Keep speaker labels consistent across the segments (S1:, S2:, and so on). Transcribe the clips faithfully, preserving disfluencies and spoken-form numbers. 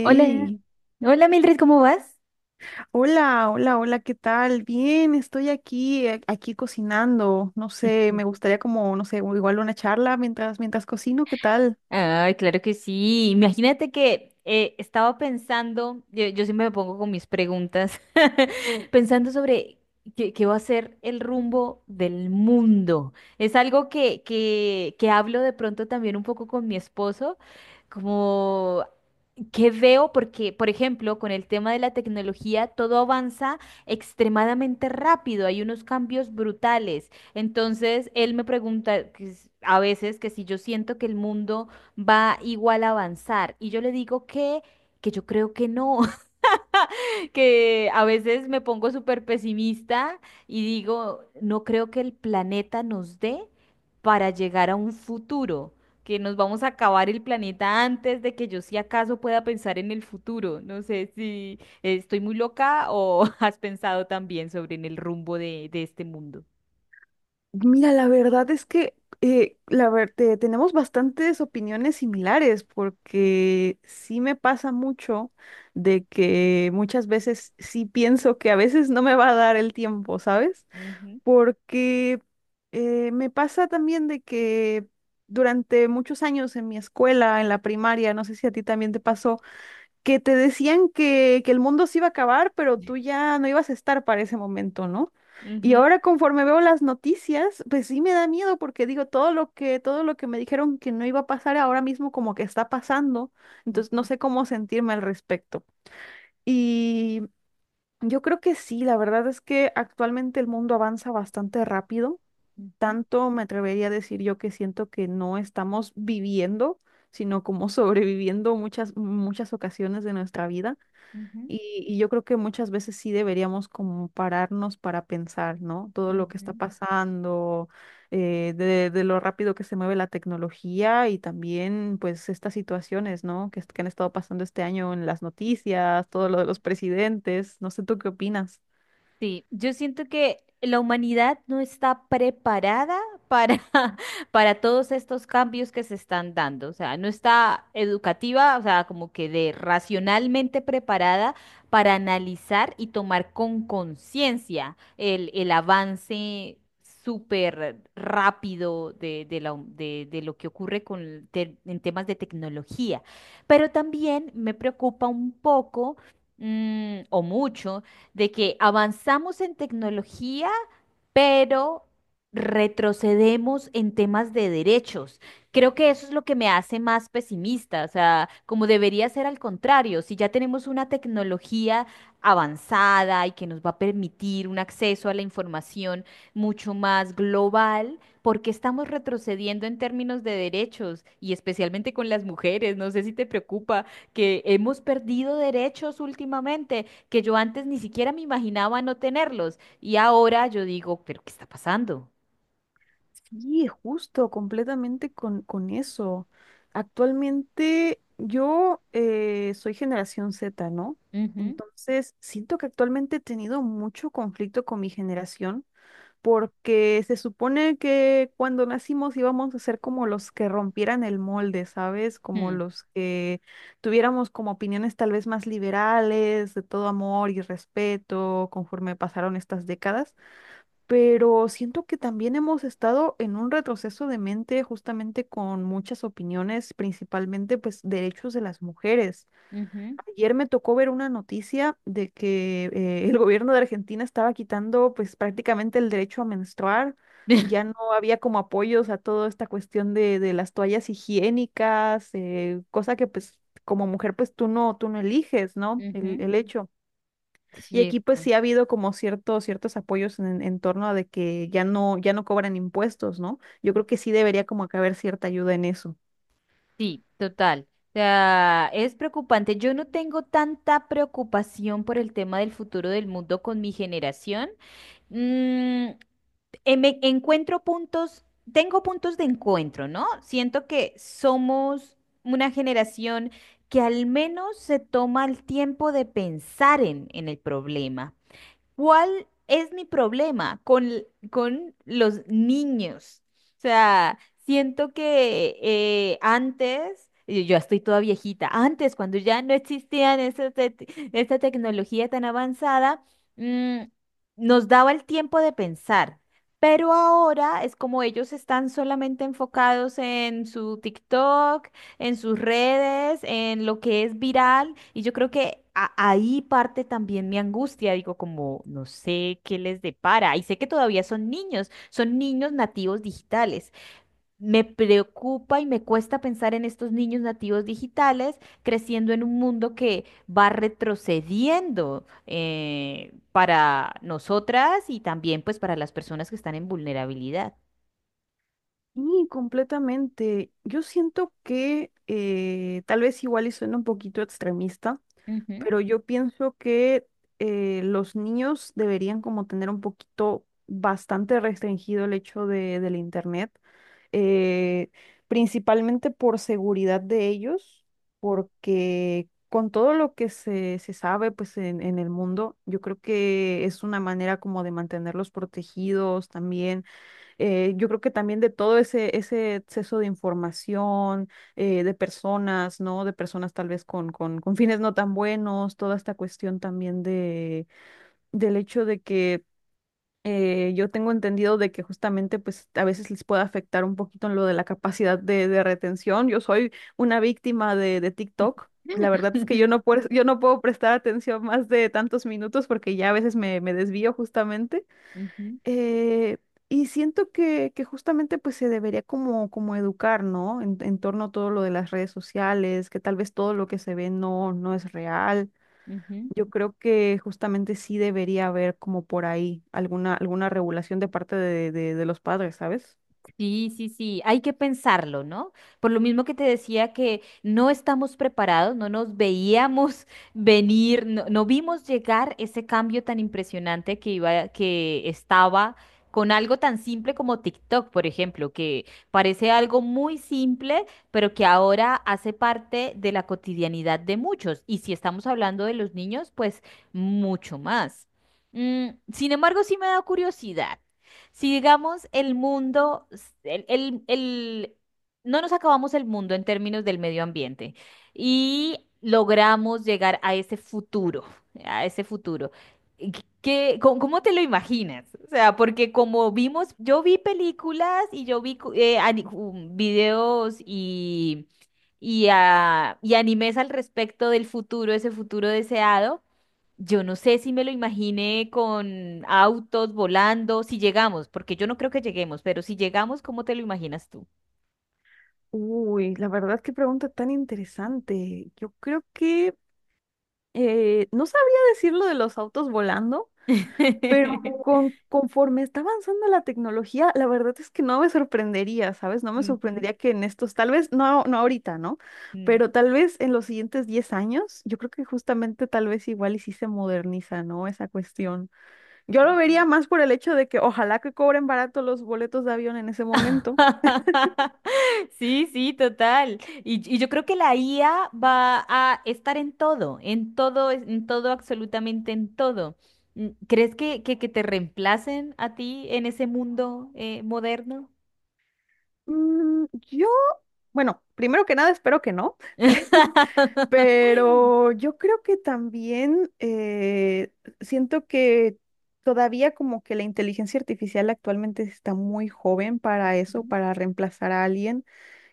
S1: Hola, hola Mildred, ¿cómo vas?
S2: hola, hola, hola, ¿qué tal? Bien, estoy aquí, eh, aquí cocinando. No sé,
S1: Ujú.
S2: me gustaría como, no sé, igual una charla mientras, mientras cocino, ¿qué tal?
S1: Ay, claro que sí. Imagínate que eh, estaba pensando, yo, yo siempre me pongo con mis preguntas, pensando sobre qué, qué va a ser el rumbo del mundo. Es algo que, que, que hablo de pronto también un poco con mi esposo, como que veo porque, por ejemplo, con el tema de la tecnología, todo avanza extremadamente rápido, hay unos cambios brutales. Entonces, él me pregunta que s- a veces que si yo siento que el mundo va igual a avanzar y yo le digo que, que yo creo que no, que a veces me pongo súper pesimista y digo, no creo que el planeta nos dé para llegar a un futuro, que nos vamos a acabar el planeta antes de que yo si acaso pueda pensar en el futuro. No sé si estoy muy loca o has pensado también sobre en el rumbo de, de este mundo.
S2: Mira, la verdad es que eh, la ver- te- tenemos bastantes opiniones similares porque sí me pasa mucho de que muchas veces sí pienso que a veces no me va a dar el tiempo, ¿sabes?
S1: Ujú,
S2: Porque eh, me pasa también de que durante muchos años en mi escuela, en la primaria, no sé si a ti también te pasó, que te decían que, que el mundo se iba a acabar, pero tú ya no ibas a estar para ese momento, ¿no? Y
S1: ujú,
S2: ahora conforme veo las noticias, pues sí me da miedo porque digo todo lo que todo lo que me dijeron que no iba a pasar ahora mismo como que está pasando, entonces no sé cómo sentirme al respecto. Y yo creo que sí, la verdad es que actualmente el mundo avanza bastante rápido,
S1: ujú,
S2: tanto me atrevería a decir yo que siento que no estamos viviendo, sino como sobreviviendo muchas, muchas ocasiones de nuestra vida.
S1: ujú,
S2: Y, y yo creo que muchas veces sí deberíamos como pararnos para pensar, ¿no? Todo
S1: ujú, ujú,
S2: lo que está
S1: ujú.
S2: pasando, eh, de, de lo rápido que se mueve la tecnología y también pues estas situaciones, ¿no? Que, est- que han estado pasando este año en las noticias, todo lo de los presidentes. No sé, ¿tú qué opinas?
S1: Sí, yo siento que la humanidad no está preparada para, para todos estos cambios que se están dando. O sea, no está educativa, o sea, como que de racionalmente preparada para analizar y tomar con conciencia el, el avance súper rápido de, de, la hum- de- de lo que ocurre con, te- en temas de tecnología. Pero también me preocupa un poco mm, o mucho de que avanzamos en tecnología pero retrocedemos en temas de derechos. Creo que eso es lo que me hace más pesimista, o sea, como debería ser al contrario, si ya tenemos una tecnología avanzada y que nos va a permitir un acceso a la información mucho más global, ¿por qué estamos retrocediendo en términos de derechos y especialmente con las mujeres? No sé si te preocupa que hemos perdido derechos últimamente que yo antes ni siquiera me imaginaba no tenerlos. Y ahora yo digo, ¿pero qué está pasando?
S2: Sí, justo, completamente con, con eso. Actualmente yo eh, soy generación Z, ¿no?
S1: Ujú,
S2: Entonces, siento que actualmente he tenido mucho conflicto con mi generación porque se supone que cuando nacimos íbamos a ser como los que rompieran el molde, ¿sabes? Como
S1: mm,
S2: los que tuviéramos como opiniones tal vez más liberales, de todo amor y respeto, conforme pasaron estas décadas, pero siento que también hemos estado en un retroceso de mente justamente con muchas opiniones, principalmente pues derechos de las mujeres.
S1: ujú,
S2: Ayer me tocó ver una noticia de que eh, el gobierno de Argentina estaba quitando pues prácticamente el derecho a menstruar. Ya no había como apoyos a toda esta cuestión de, de las toallas higiénicas, eh, cosa que pues como mujer pues tú no, tú no eliges, ¿no? El,
S1: ujú.
S2: el hecho. Y aquí pues
S1: Cierto.
S2: sí ha habido como ciertos, ciertos apoyos en, en torno a de que ya no, ya no cobran impuestos, ¿no? Yo creo que sí debería como que haber cierta ayuda en eso.
S1: Sí, total. O sea, es preocupante. Yo no tengo tanta preocupación por el tema del futuro del mundo con mi generación. Mm, em- Me encuentro puntos, tengo puntos de encuentro, ¿no? Siento que somos una generación que al menos se toma el tiempo de pensar en, en el problema. ¿Cuál es mi problema con, l- con los niños? O sea, siento que eh, antes, y yo ya estoy toda viejita, antes cuando ya no existían esa te- esta tecnología tan avanzada, mm, nos daba el tiempo de pensar. Pero ahora es como ellos están solamente enfocados en su TikTok, en sus redes, en lo que es viral, y yo creo que a- ahí parte también mi angustia, digo, como no sé qué les depara, y sé que todavía son niños, son niños nativos digitales. Me preocupa y me cuesta pensar en estos niños nativos digitales creciendo en un mundo que va retrocediendo eh, para nosotras y también pues para las personas que están en vulnerabilidad.
S2: Y completamente. Yo siento que eh, tal vez igual y suena un poquito extremista,
S1: Ujú.
S2: pero yo pienso que eh, los niños deberían como tener un poquito bastante restringido el hecho de, del internet, eh, principalmente por seguridad de ellos, porque con todo lo que se, se sabe pues en, en el mundo, yo creo que es una manera como de mantenerlos protegidos también. Eh, yo creo que también de todo ese, ese exceso de información, eh, de personas, ¿no? De personas tal vez con, con, con fines no tan buenos, toda esta cuestión también de, del hecho de que eh, yo tengo entendido de que justamente pues a veces les puede afectar un poquito en lo de la capacidad de, de retención. Yo soy una víctima de, de TikTok. La verdad es que yo no puedo, yo no puedo prestar atención más de tantos minutos porque ya a veces me, me desvío justamente.
S1: Ujú,
S2: Eh, y siento que, que justamente pues se debería como, como educar, ¿no? En, en torno a todo lo de las redes sociales, que tal vez todo lo que se ve no, no es real.
S1: ujú.
S2: Yo creo que justamente sí debería haber como por ahí alguna, alguna regulación de parte de, de, de los padres, ¿sabes?
S1: Sí, sí, sí, hay que pensarlo, ¿no? Por lo mismo que te decía que no estamos preparados, no nos veíamos venir, no, no vimos llegar ese cambio tan impresionante que iba, que estaba con algo tan simple como TikTok, por ejemplo, que parece algo muy simple, pero que ahora hace parte de la cotidianidad de muchos. Y si estamos hablando de los niños, pues mucho más. Mm, sin embargo, sí me da curiosidad. Si digamos el mundo, el, el- el- no nos acabamos el mundo en términos del medio ambiente y logramos llegar a ese futuro, a ese futuro. ¿Qué, qué- cómo, cómo te lo imaginas? O sea, porque como vimos, yo vi películas y yo vi cu- eh, ani- um, videos y, y, ah, y animes al respecto del futuro, ese futuro deseado. Yo no sé si me lo imaginé con autos volando, si llegamos, porque yo no creo que lleguemos, pero si llegamos, ¿cómo te lo imaginas tú?
S2: Uy, la verdad, qué pregunta tan interesante. Yo creo que eh, no sabría decir lo de los autos volando. Pero con, conforme está avanzando la tecnología, la verdad es que no me sorprendería, ¿sabes? No me
S1: Ujú,
S2: sorprendería que en estos, tal vez, no, no ahorita, ¿no?
S1: mm,
S2: Pero tal vez en los siguientes diez años, yo creo que justamente tal vez igual y sí se moderniza, ¿no? Esa cuestión. Yo lo vería
S1: ujú.
S2: más por el hecho de que ojalá que cobren barato los boletos de avión en ese momento.
S1: Sí, sí, total. Y, y yo creo que la I A va a estar en todo, en todo, en todo, absolutamente en todo. Mm, ¿Crees que, que, que te reemplacen a ti en ese mundo eh, moderno?
S2: Mm, yo, bueno, primero que nada espero que no. Pero yo creo que también eh, siento que todavía como que la inteligencia artificial actualmente está muy joven para eso,
S1: Ujú,
S2: para reemplazar a alguien.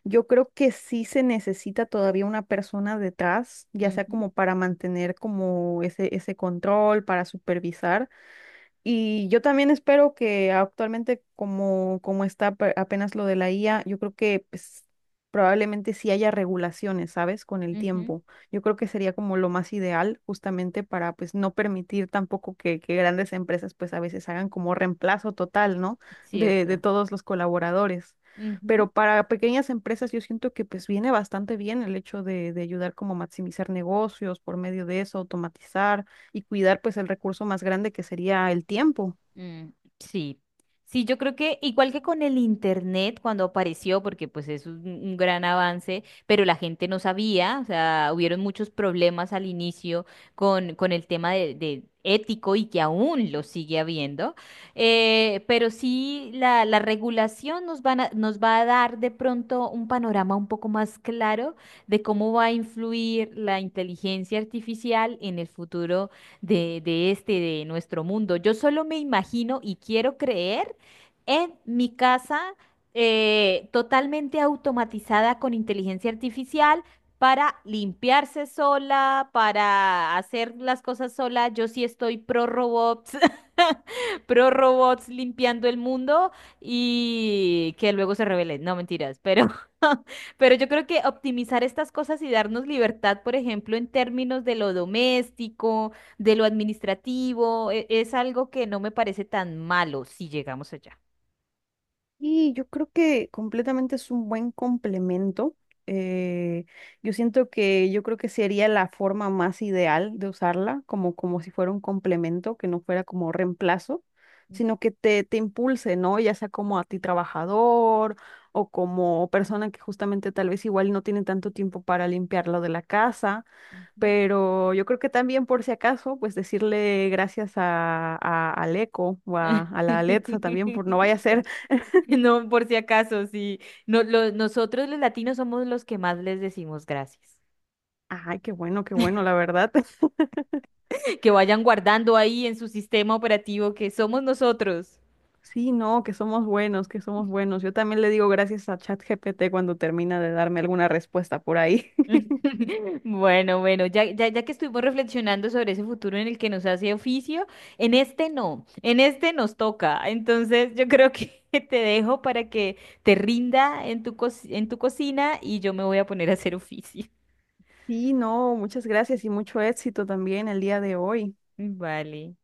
S2: Yo creo que sí se necesita todavía una persona detrás, ya sea como para mantener como ese, ese control, para supervisar. Y yo también espero que actualmente, como, como está pe- apenas lo de la I A, yo creo que pues, probablemente sí haya regulaciones, ¿sabes? Con el
S1: ujú.
S2: tiempo. Yo creo que sería como lo más ideal justamente para pues no permitir tampoco que, que grandes empresas pues a veces hagan como reemplazo total, ¿no? De, de
S1: Cierto.
S2: todos los colaboradores.
S1: Ujú.
S2: Pero para pequeñas empresas yo siento que pues viene bastante bien el hecho de, de ayudar como a maximizar negocios por medio de eso, automatizar y cuidar pues el recurso más grande que sería el tiempo.
S1: Mm, sí. Sí, yo creo que igual que con el internet cuando apareció, porque pues es un, un gran avance, pero la gente no sabía, o sea, hubieron muchos problemas al inicio con, con el tema de, de ético y que aún lo sigue habiendo. Eh, pero sí, la, la regulación nos van a- nos va a dar de pronto un panorama un poco más claro de cómo va a influir la inteligencia artificial en el futuro de, de este, de nuestro mundo. Yo solo me imagino y quiero creer en mi casa eh, totalmente automatizada con inteligencia artificial para limpiarse sola, para hacer las cosas sola. Yo sí estoy pro robots, pro robots limpiando el mundo y que luego se revelen. No, mentiras, pero pero yo creo que optimizar estas cosas y darnos libertad, por ejemplo, en términos de lo doméstico, de lo administrativo, e- es algo que no me parece tan malo si llegamos allá.
S2: Y yo creo que completamente es un buen complemento. eh, yo siento que yo creo que sería la forma más ideal de usarla, como, como si fuera un complemento, que no fuera como reemplazo, sino que te, te impulse, ¿no? Ya sea como a ti trabajador o como persona que justamente tal vez igual no tiene tanto tiempo para limpiar lo de la casa.
S1: Ujú.
S2: Pero yo creo que también por si acaso, pues decirle gracias a, a- al eco o a,
S1: Ah,
S2: a la Alexa también por no vaya a ser,
S1: vale. No, por si acaso, sí. No, lo- nosotros los latinos somos los que más les decimos gracias.
S2: ay, qué bueno, qué bueno, la verdad.
S1: Que vayan guardando ahí en su sistema operativo que somos nosotros.
S2: Sí, no, que somos buenos, que somos buenos. Yo también le digo gracias a ChatGPT cuando termina de darme alguna respuesta por ahí.
S1: Bueno, bueno, ya, ya, ya que estuvimos reflexionando sobre ese futuro en el que nos hace oficio, en este no, en este nos toca. Entonces yo creo que te dejo para que te rinda en tu, co- en tu cocina y yo me voy a poner a hacer oficio.
S2: Sí, no, muchas gracias y mucho éxito también el día de hoy.
S1: Vale.